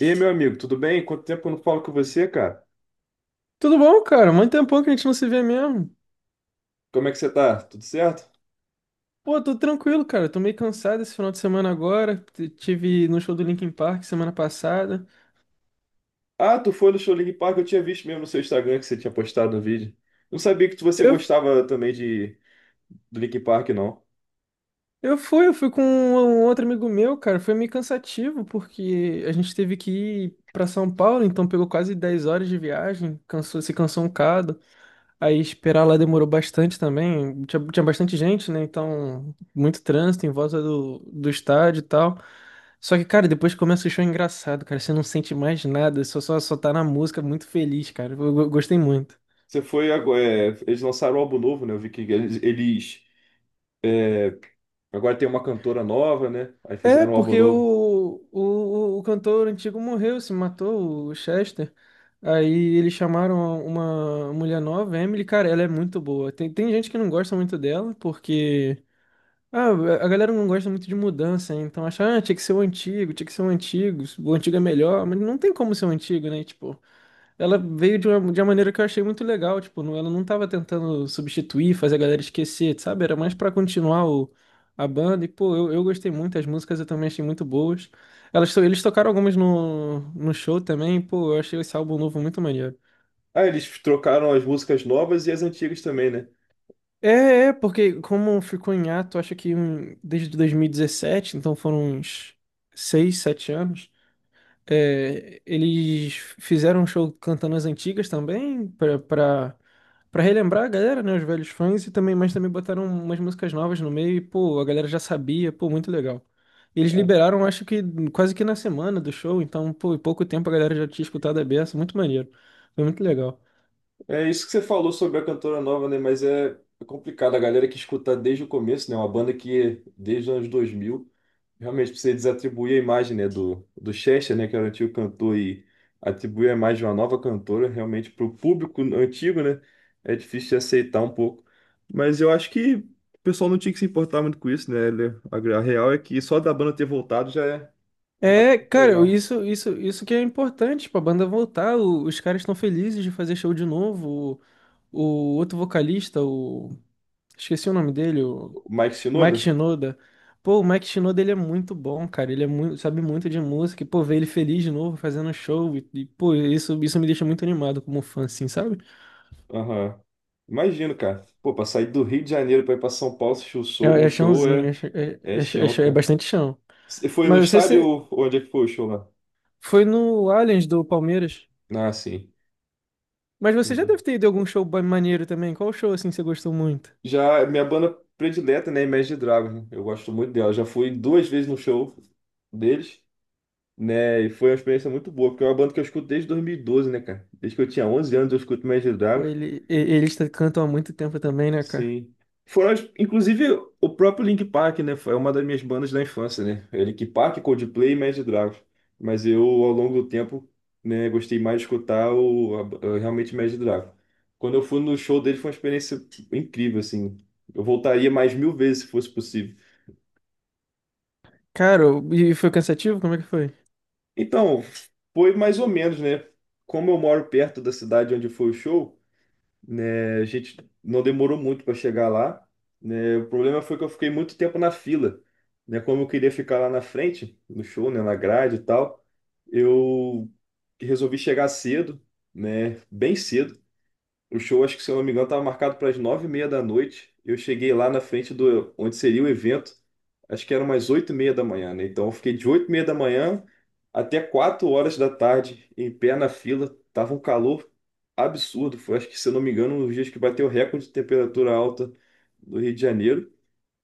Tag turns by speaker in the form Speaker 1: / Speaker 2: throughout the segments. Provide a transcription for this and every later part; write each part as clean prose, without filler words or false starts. Speaker 1: E aí, meu amigo, tudo bem? Quanto tempo que eu não falo com você, cara?
Speaker 2: Tudo bom, cara? Muito tempão que a gente não se vê mesmo.
Speaker 1: Como é que você tá? Tudo certo?
Speaker 2: Pô, tô tranquilo, cara. Tô meio cansado esse final de semana agora. Tive no show do Linkin Park semana passada.
Speaker 1: Ah, tu foi no show Link Park, eu tinha visto mesmo no seu Instagram que você tinha postado um vídeo. Não sabia que você
Speaker 2: Eu,
Speaker 1: gostava também de do Link Park, não.
Speaker 2: eu fui com um outro amigo meu, cara. Foi meio cansativo, porque a gente teve que ir pra São Paulo, então pegou quase 10 horas de viagem, se cansou um bocado. Aí esperar lá demorou bastante também. Tinha bastante gente, né? Então, muito trânsito em volta do estádio e tal. Só que, cara, depois que começa o show é engraçado, cara. Você não sente mais nada, só tá na música muito feliz, cara. Gostei muito.
Speaker 1: Você foi agora. É, eles lançaram um álbum novo, né? Eu vi que agora tem uma cantora nova, né? Aí
Speaker 2: É,
Speaker 1: fizeram um álbum
Speaker 2: porque
Speaker 1: novo.
Speaker 2: o cantor antigo morreu, se matou, o Chester. Aí eles chamaram uma mulher nova, Emily, cara, ela é muito boa. Tem gente que não gosta muito dela, porque ah, a galera não gosta muito de mudança, né? Então acha, ah, tinha que ser o antigo, tinha que ser o antigo é melhor, mas não tem como ser o antigo, né? Tipo, ela veio de uma maneira que eu achei muito legal, tipo, ela não tava tentando substituir, fazer a galera esquecer, sabe? Era mais pra continuar a banda, e pô, eu gostei muito, as músicas eu também achei muito boas. Eles tocaram algumas no show também, e, pô, eu achei esse álbum novo muito maneiro.
Speaker 1: Ah, eles trocaram as músicas novas e as antigas também, né?
Speaker 2: É, é, porque como ficou em ato, acho que desde 2017, então foram uns 6, 7 anos, é, eles fizeram um show cantando as antigas também, pra relembrar a galera, né, os velhos fãs, e também, mas também botaram umas músicas novas no meio, e, pô, a galera já sabia, pô, muito legal. E eles liberaram, acho que quase que na semana do show, então, pô, em pouco tempo a galera já tinha escutado a beça, muito maneiro, foi muito legal.
Speaker 1: É isso que você falou sobre a cantora nova, né? Mas é complicado. A galera que escuta desde o começo, né? Uma banda que desde os anos 2000 realmente precisa desatribuir a imagem, né? Do Chester, né? Que era o antigo cantor e atribuir a imagem de uma nova cantora, realmente para o público antigo, né? É difícil de aceitar um pouco. Mas eu acho que o pessoal não tinha que se importar muito com isso, né? A real é que só da banda ter voltado já é
Speaker 2: É,
Speaker 1: muito
Speaker 2: cara,
Speaker 1: legal.
Speaker 2: isso que é importante pra banda voltar. Os caras estão felizes de fazer show de novo. O, o outro vocalista, o. Esqueci o nome dele, o
Speaker 1: O Mike
Speaker 2: Mike
Speaker 1: Shinoda?
Speaker 2: Shinoda. Pô, o Mike Shinoda ele é muito bom, cara. Ele é muito, sabe muito de música. E, pô, ver ele feliz de novo fazendo show. E, pô, isso me deixa muito animado como fã, assim, sabe?
Speaker 1: Aham. Imagino, cara. Pô, pra sair do Rio de Janeiro pra ir pra São Paulo, assistir o
Speaker 2: É,
Speaker 1: show, o
Speaker 2: é
Speaker 1: show
Speaker 2: chãozinho,
Speaker 1: é, é chão,
Speaker 2: é
Speaker 1: cara.
Speaker 2: bastante chão.
Speaker 1: Você foi no
Speaker 2: Mas
Speaker 1: estádio
Speaker 2: você
Speaker 1: ou onde é que foi o show lá?
Speaker 2: foi no Allianz do Palmeiras.
Speaker 1: Ah, sim.
Speaker 2: Mas você já
Speaker 1: Entendi.
Speaker 2: deve ter ido a algum show maneiro também. Qual show assim você gostou muito?
Speaker 1: Já, é minha banda predileta, né, Imagine Dragons, né? Eu gosto muito dela. Já fui duas vezes no show deles, né, e foi uma experiência muito boa, porque é uma banda que eu escuto desde 2012, né, cara? Desde que eu tinha 11 anos eu escuto Imagine
Speaker 2: Pô,
Speaker 1: Dragons.
Speaker 2: eles cantam há muito tempo também, né, cara?
Speaker 1: Sim. Foram, inclusive, o próprio Link Park, né? Foi uma das minhas bandas da infância, né? É Link Park, Coldplay e Imagine Dragons. Mas eu, ao longo do tempo, né, gostei mais de escutar realmente Imagine Dragons. Quando eu fui no show dele, foi uma experiência tipo, incrível, assim. Eu voltaria mais mil vezes se fosse possível.
Speaker 2: Cara, e foi cansativo? Como é que foi?
Speaker 1: Então, foi mais ou menos, né? Como eu moro perto da cidade onde foi o show, né? A gente não demorou muito para chegar lá, né? O problema foi que eu fiquei muito tempo na fila, né? Como eu queria ficar lá na frente, no show, né? Na grade e tal, eu resolvi chegar cedo, né? Bem cedo o show, acho que, se eu não me engano, estava marcado para as 9:30 da noite. Eu cheguei lá na frente do onde seria o evento, acho que eram umas 8:30 da manhã, né? Então eu fiquei de 8:30 da manhã até 4 horas da tarde em pé na fila. Tava um calor absurdo. Foi, acho que, se eu não me engano, um dos dias que bateu o recorde de temperatura alta do Rio de Janeiro.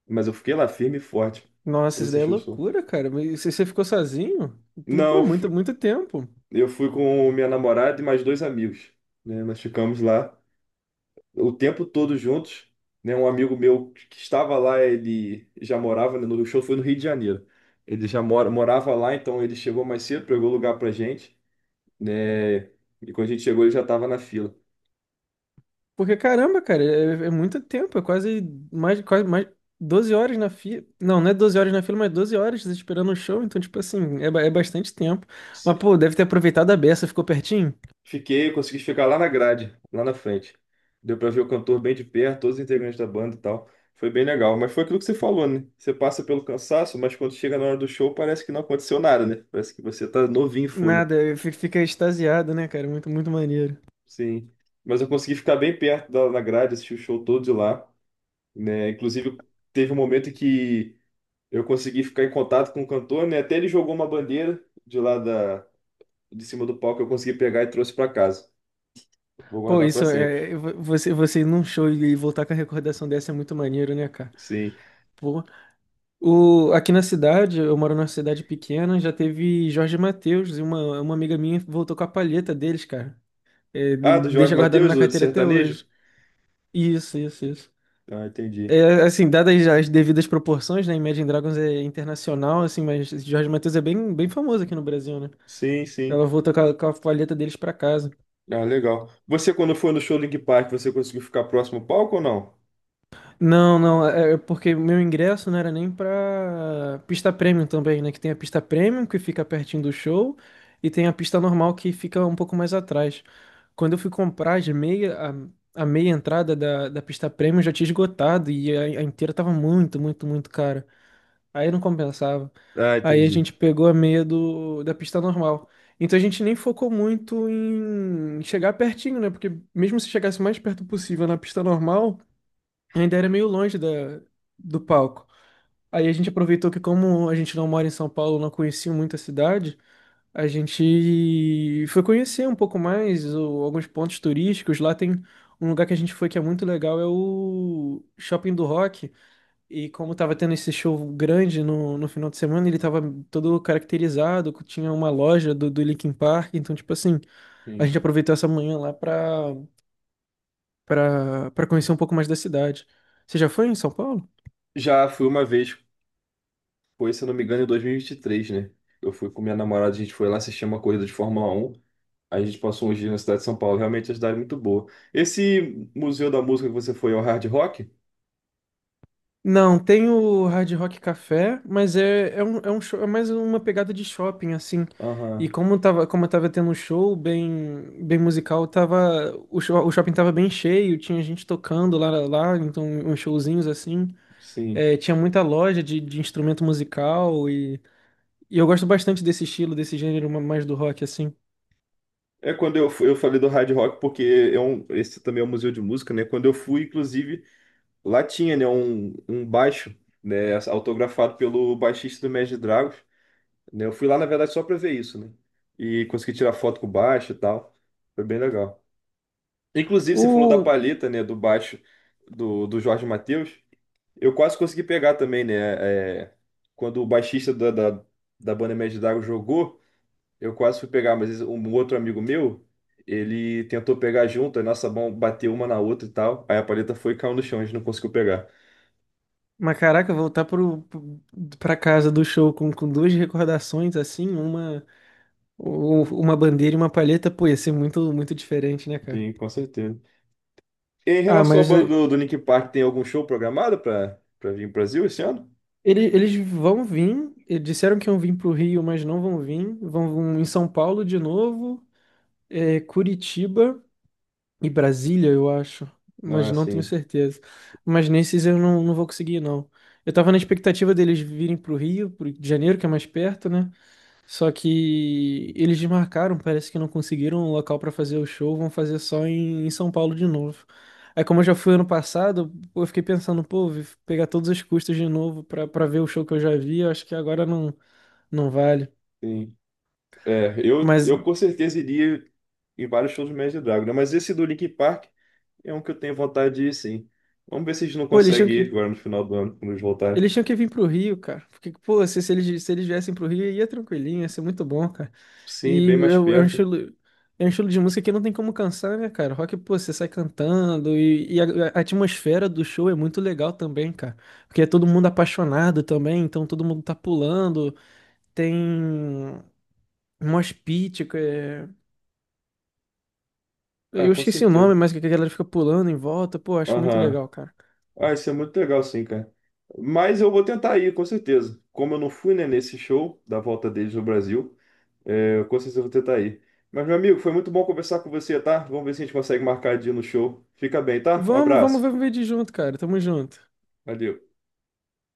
Speaker 1: Mas eu fiquei lá firme e forte
Speaker 2: Nossa,
Speaker 1: para
Speaker 2: isso daí é
Speaker 1: assistir o show.
Speaker 2: loucura, cara. Mas você ficou sozinho? Pô,
Speaker 1: Não,
Speaker 2: muito, muito tempo.
Speaker 1: eu fui com minha namorada e mais dois amigos, né? Nós ficamos lá, o tempo todo juntos, né? Um amigo meu que estava lá, ele já morava, né, no o show foi no Rio de Janeiro. Ele já morava lá, então ele chegou mais cedo, pegou lugar pra gente, né? E quando a gente chegou, ele já estava na fila.
Speaker 2: Porque, caramba, cara, é muito tempo. É quase mais 12 horas na fila. Não, não é 12 horas na fila, mas 12 horas esperando o show. Então, tipo assim, é bastante tempo. Mas,
Speaker 1: Se-
Speaker 2: pô, deve ter aproveitado a beça. Ficou pertinho?
Speaker 1: Fiquei, consegui ficar lá na grade, lá na frente. Deu pra ver o cantor bem de perto, todos os integrantes da banda e tal. Foi bem legal, mas foi aquilo que você falou, né? Você passa pelo cansaço, mas quando chega na hora do show, parece que não aconteceu nada, né? Parece que você tá novinho em folha.
Speaker 2: Nada, fica extasiado, né, cara? Muito, muito maneiro.
Speaker 1: Sim. Mas eu consegui ficar bem perto da grade, assistir o show todo de lá, né? Inclusive, teve um momento que eu consegui ficar em contato com o cantor, né? Até ele jogou uma bandeira de lá de cima do palco, eu consegui pegar e trouxe para casa. Vou
Speaker 2: Pô,
Speaker 1: guardar para
Speaker 2: isso
Speaker 1: sempre.
Speaker 2: é. Você ir num show e voltar com a recordação dessa é muito maneiro, né, cara?
Speaker 1: Sim.
Speaker 2: Pô. Aqui na cidade, eu moro numa cidade pequena, já teve Jorge Mateus e uma amiga minha voltou com a palheta deles, cara. É,
Speaker 1: Ah, do Jorge
Speaker 2: deixa guardado
Speaker 1: Mateus,
Speaker 2: na
Speaker 1: o de
Speaker 2: carteira até
Speaker 1: sertanejo?
Speaker 2: hoje. Isso, isso, isso.
Speaker 1: Ah, entendi.
Speaker 2: É, assim, dadas as devidas proporções, né? Imagine Dragons é internacional, assim, mas Jorge Mateus é bem, bem famoso aqui no Brasil, né?
Speaker 1: Sim, sim.
Speaker 2: Ela voltou com a palheta deles pra casa.
Speaker 1: Ah, legal. Você, quando foi no show do Linkin Park, você conseguiu ficar próximo ao palco ou não?
Speaker 2: Não, não, é porque meu ingresso não era nem pra pista premium também, né? Que tem a pista premium que fica pertinho do show e tem a pista normal que fica um pouco mais atrás. Quando eu fui comprar as meia, a meia entrada da pista premium já tinha esgotado e a inteira tava muito, muito, muito cara. Aí não compensava.
Speaker 1: Ah,
Speaker 2: Aí a
Speaker 1: entendi.
Speaker 2: gente pegou a meia da pista normal. Então a gente nem focou muito em chegar pertinho, né? Porque mesmo se chegasse o mais perto possível na pista normal ainda era meio longe do palco. Aí a gente aproveitou que, como a gente não mora em São Paulo, não conhecia muito a cidade, a gente foi conhecer um pouco mais alguns pontos turísticos. Lá tem um lugar que a gente foi que é muito legal, é o Shopping do Rock. E como tava tendo esse show grande no final de semana, ele tava todo caracterizado, tinha uma loja do Linkin Park, então, tipo assim, a
Speaker 1: Sim.
Speaker 2: gente aproveitou essa manhã lá pra conhecer um pouco mais da cidade. Você já foi em São Paulo?
Speaker 1: Já fui uma vez. Foi, se eu não me engano, em dois mil e vinte e três, né? Eu fui com minha namorada, a gente foi lá assistir uma corrida de Fórmula 1. A gente passou uns dias na cidade de São Paulo. Realmente a cidade é muito boa. Esse Museu da Música que você foi é o Hard Rock?
Speaker 2: Não, tem o Hard Rock Café, mas é, um show, é mais uma pegada de shopping, assim. E
Speaker 1: Aham,
Speaker 2: como tava tendo um show bem, bem musical, o shopping tava bem cheio, tinha gente tocando lá, então uns showzinhos assim.
Speaker 1: sim.
Speaker 2: É, tinha muita loja de instrumento musical e, eu gosto bastante desse estilo, desse gênero mais do rock, assim.
Speaker 1: É, quando eu fui, eu falei do Hard Rock porque esse também é um museu de música, né? Quando eu fui, inclusive, lá tinha, né, um baixo, né, autografado pelo baixista do Imagine Dragons, né? Eu fui lá, na verdade, só para ver isso, né? E consegui tirar foto com o baixo e tal. Foi bem legal. Inclusive, você falou da
Speaker 2: O,
Speaker 1: palheta, né, do baixo do Jorge Mateus. Eu quase consegui pegar também, né? É, quando o baixista da banda Média d'Água jogou, eu quase fui pegar, mas um outro amigo meu, ele tentou pegar junto, a nossa mão bateu uma na outra e tal. Aí a palheta foi e caiu no chão, a gente não conseguiu pegar.
Speaker 2: mas caraca, voltar pra casa do show com duas recordações, assim, uma. Uma bandeira e uma palheta, pô, ia ser muito, muito diferente, né, cara?
Speaker 1: Sim, com certeza. Em
Speaker 2: Ah,
Speaker 1: relação à
Speaker 2: mas
Speaker 1: banda
Speaker 2: é,
Speaker 1: do Linkin Park, tem algum show programado para vir pro Brasil esse ano?
Speaker 2: eles vão vir. Disseram que iam vir pro Rio, mas não vão vir. Vão em São Paulo de novo, Curitiba e Brasília, eu acho. Mas
Speaker 1: Ah,
Speaker 2: não tenho
Speaker 1: sim.
Speaker 2: certeza. Mas nesses eu não vou conseguir, não. Eu tava na expectativa deles virem pro Rio de Janeiro, que é mais perto, né? Só que eles desmarcaram, parece que não conseguiram um local pra fazer o show, vão fazer só em São Paulo de novo. Aí, como eu já fui ano passado, pô, eu fiquei pensando, pô, vou pegar todos os custos de novo pra para ver o show que eu já vi, eu acho que agora não vale.
Speaker 1: Sim. É,
Speaker 2: Mas,
Speaker 1: eu com certeza iria em vários shows do Imagine Dragons, né? Mas esse do Linkin Park é um que eu tenho vontade de ir, sim. Vamos ver se a gente não
Speaker 2: pô, eles tinham
Speaker 1: consegue ir
Speaker 2: que.
Speaker 1: agora no final do ano, quando eles voltarem.
Speaker 2: Eles tinham que vir pro Rio, cara. Porque, pô, se eles viessem pro Rio, ia tranquilinho, ia ser muito bom, cara.
Speaker 1: Sim,
Speaker 2: E
Speaker 1: bem mais
Speaker 2: é, é
Speaker 1: perto.
Speaker 2: é um estilo de música que não tem como cansar, né, cara? Rock, pô, você sai cantando e a atmosfera do show é muito legal também, cara. Porque é todo mundo apaixonado também, então todo mundo tá pulando. Tem um mosh pit, que é...
Speaker 1: Ah,
Speaker 2: Eu
Speaker 1: com
Speaker 2: esqueci o
Speaker 1: certeza.
Speaker 2: nome, mas que a galera fica pulando em volta. Pô, acho muito
Speaker 1: Aham.
Speaker 2: legal, cara.
Speaker 1: Ah, isso é muito legal, sim, cara. Mas eu vou tentar ir, com certeza. Como eu não fui, né, nesse show da volta deles no Brasil, é, eu com certeza eu vou tentar ir. Mas, meu amigo, foi muito bom conversar com você, tá? Vamos ver se a gente consegue marcar de ir no show. Fica bem, tá? Um
Speaker 2: Vamos
Speaker 1: abraço.
Speaker 2: ver, um de junto, cara. Tamo junto.
Speaker 1: Valeu.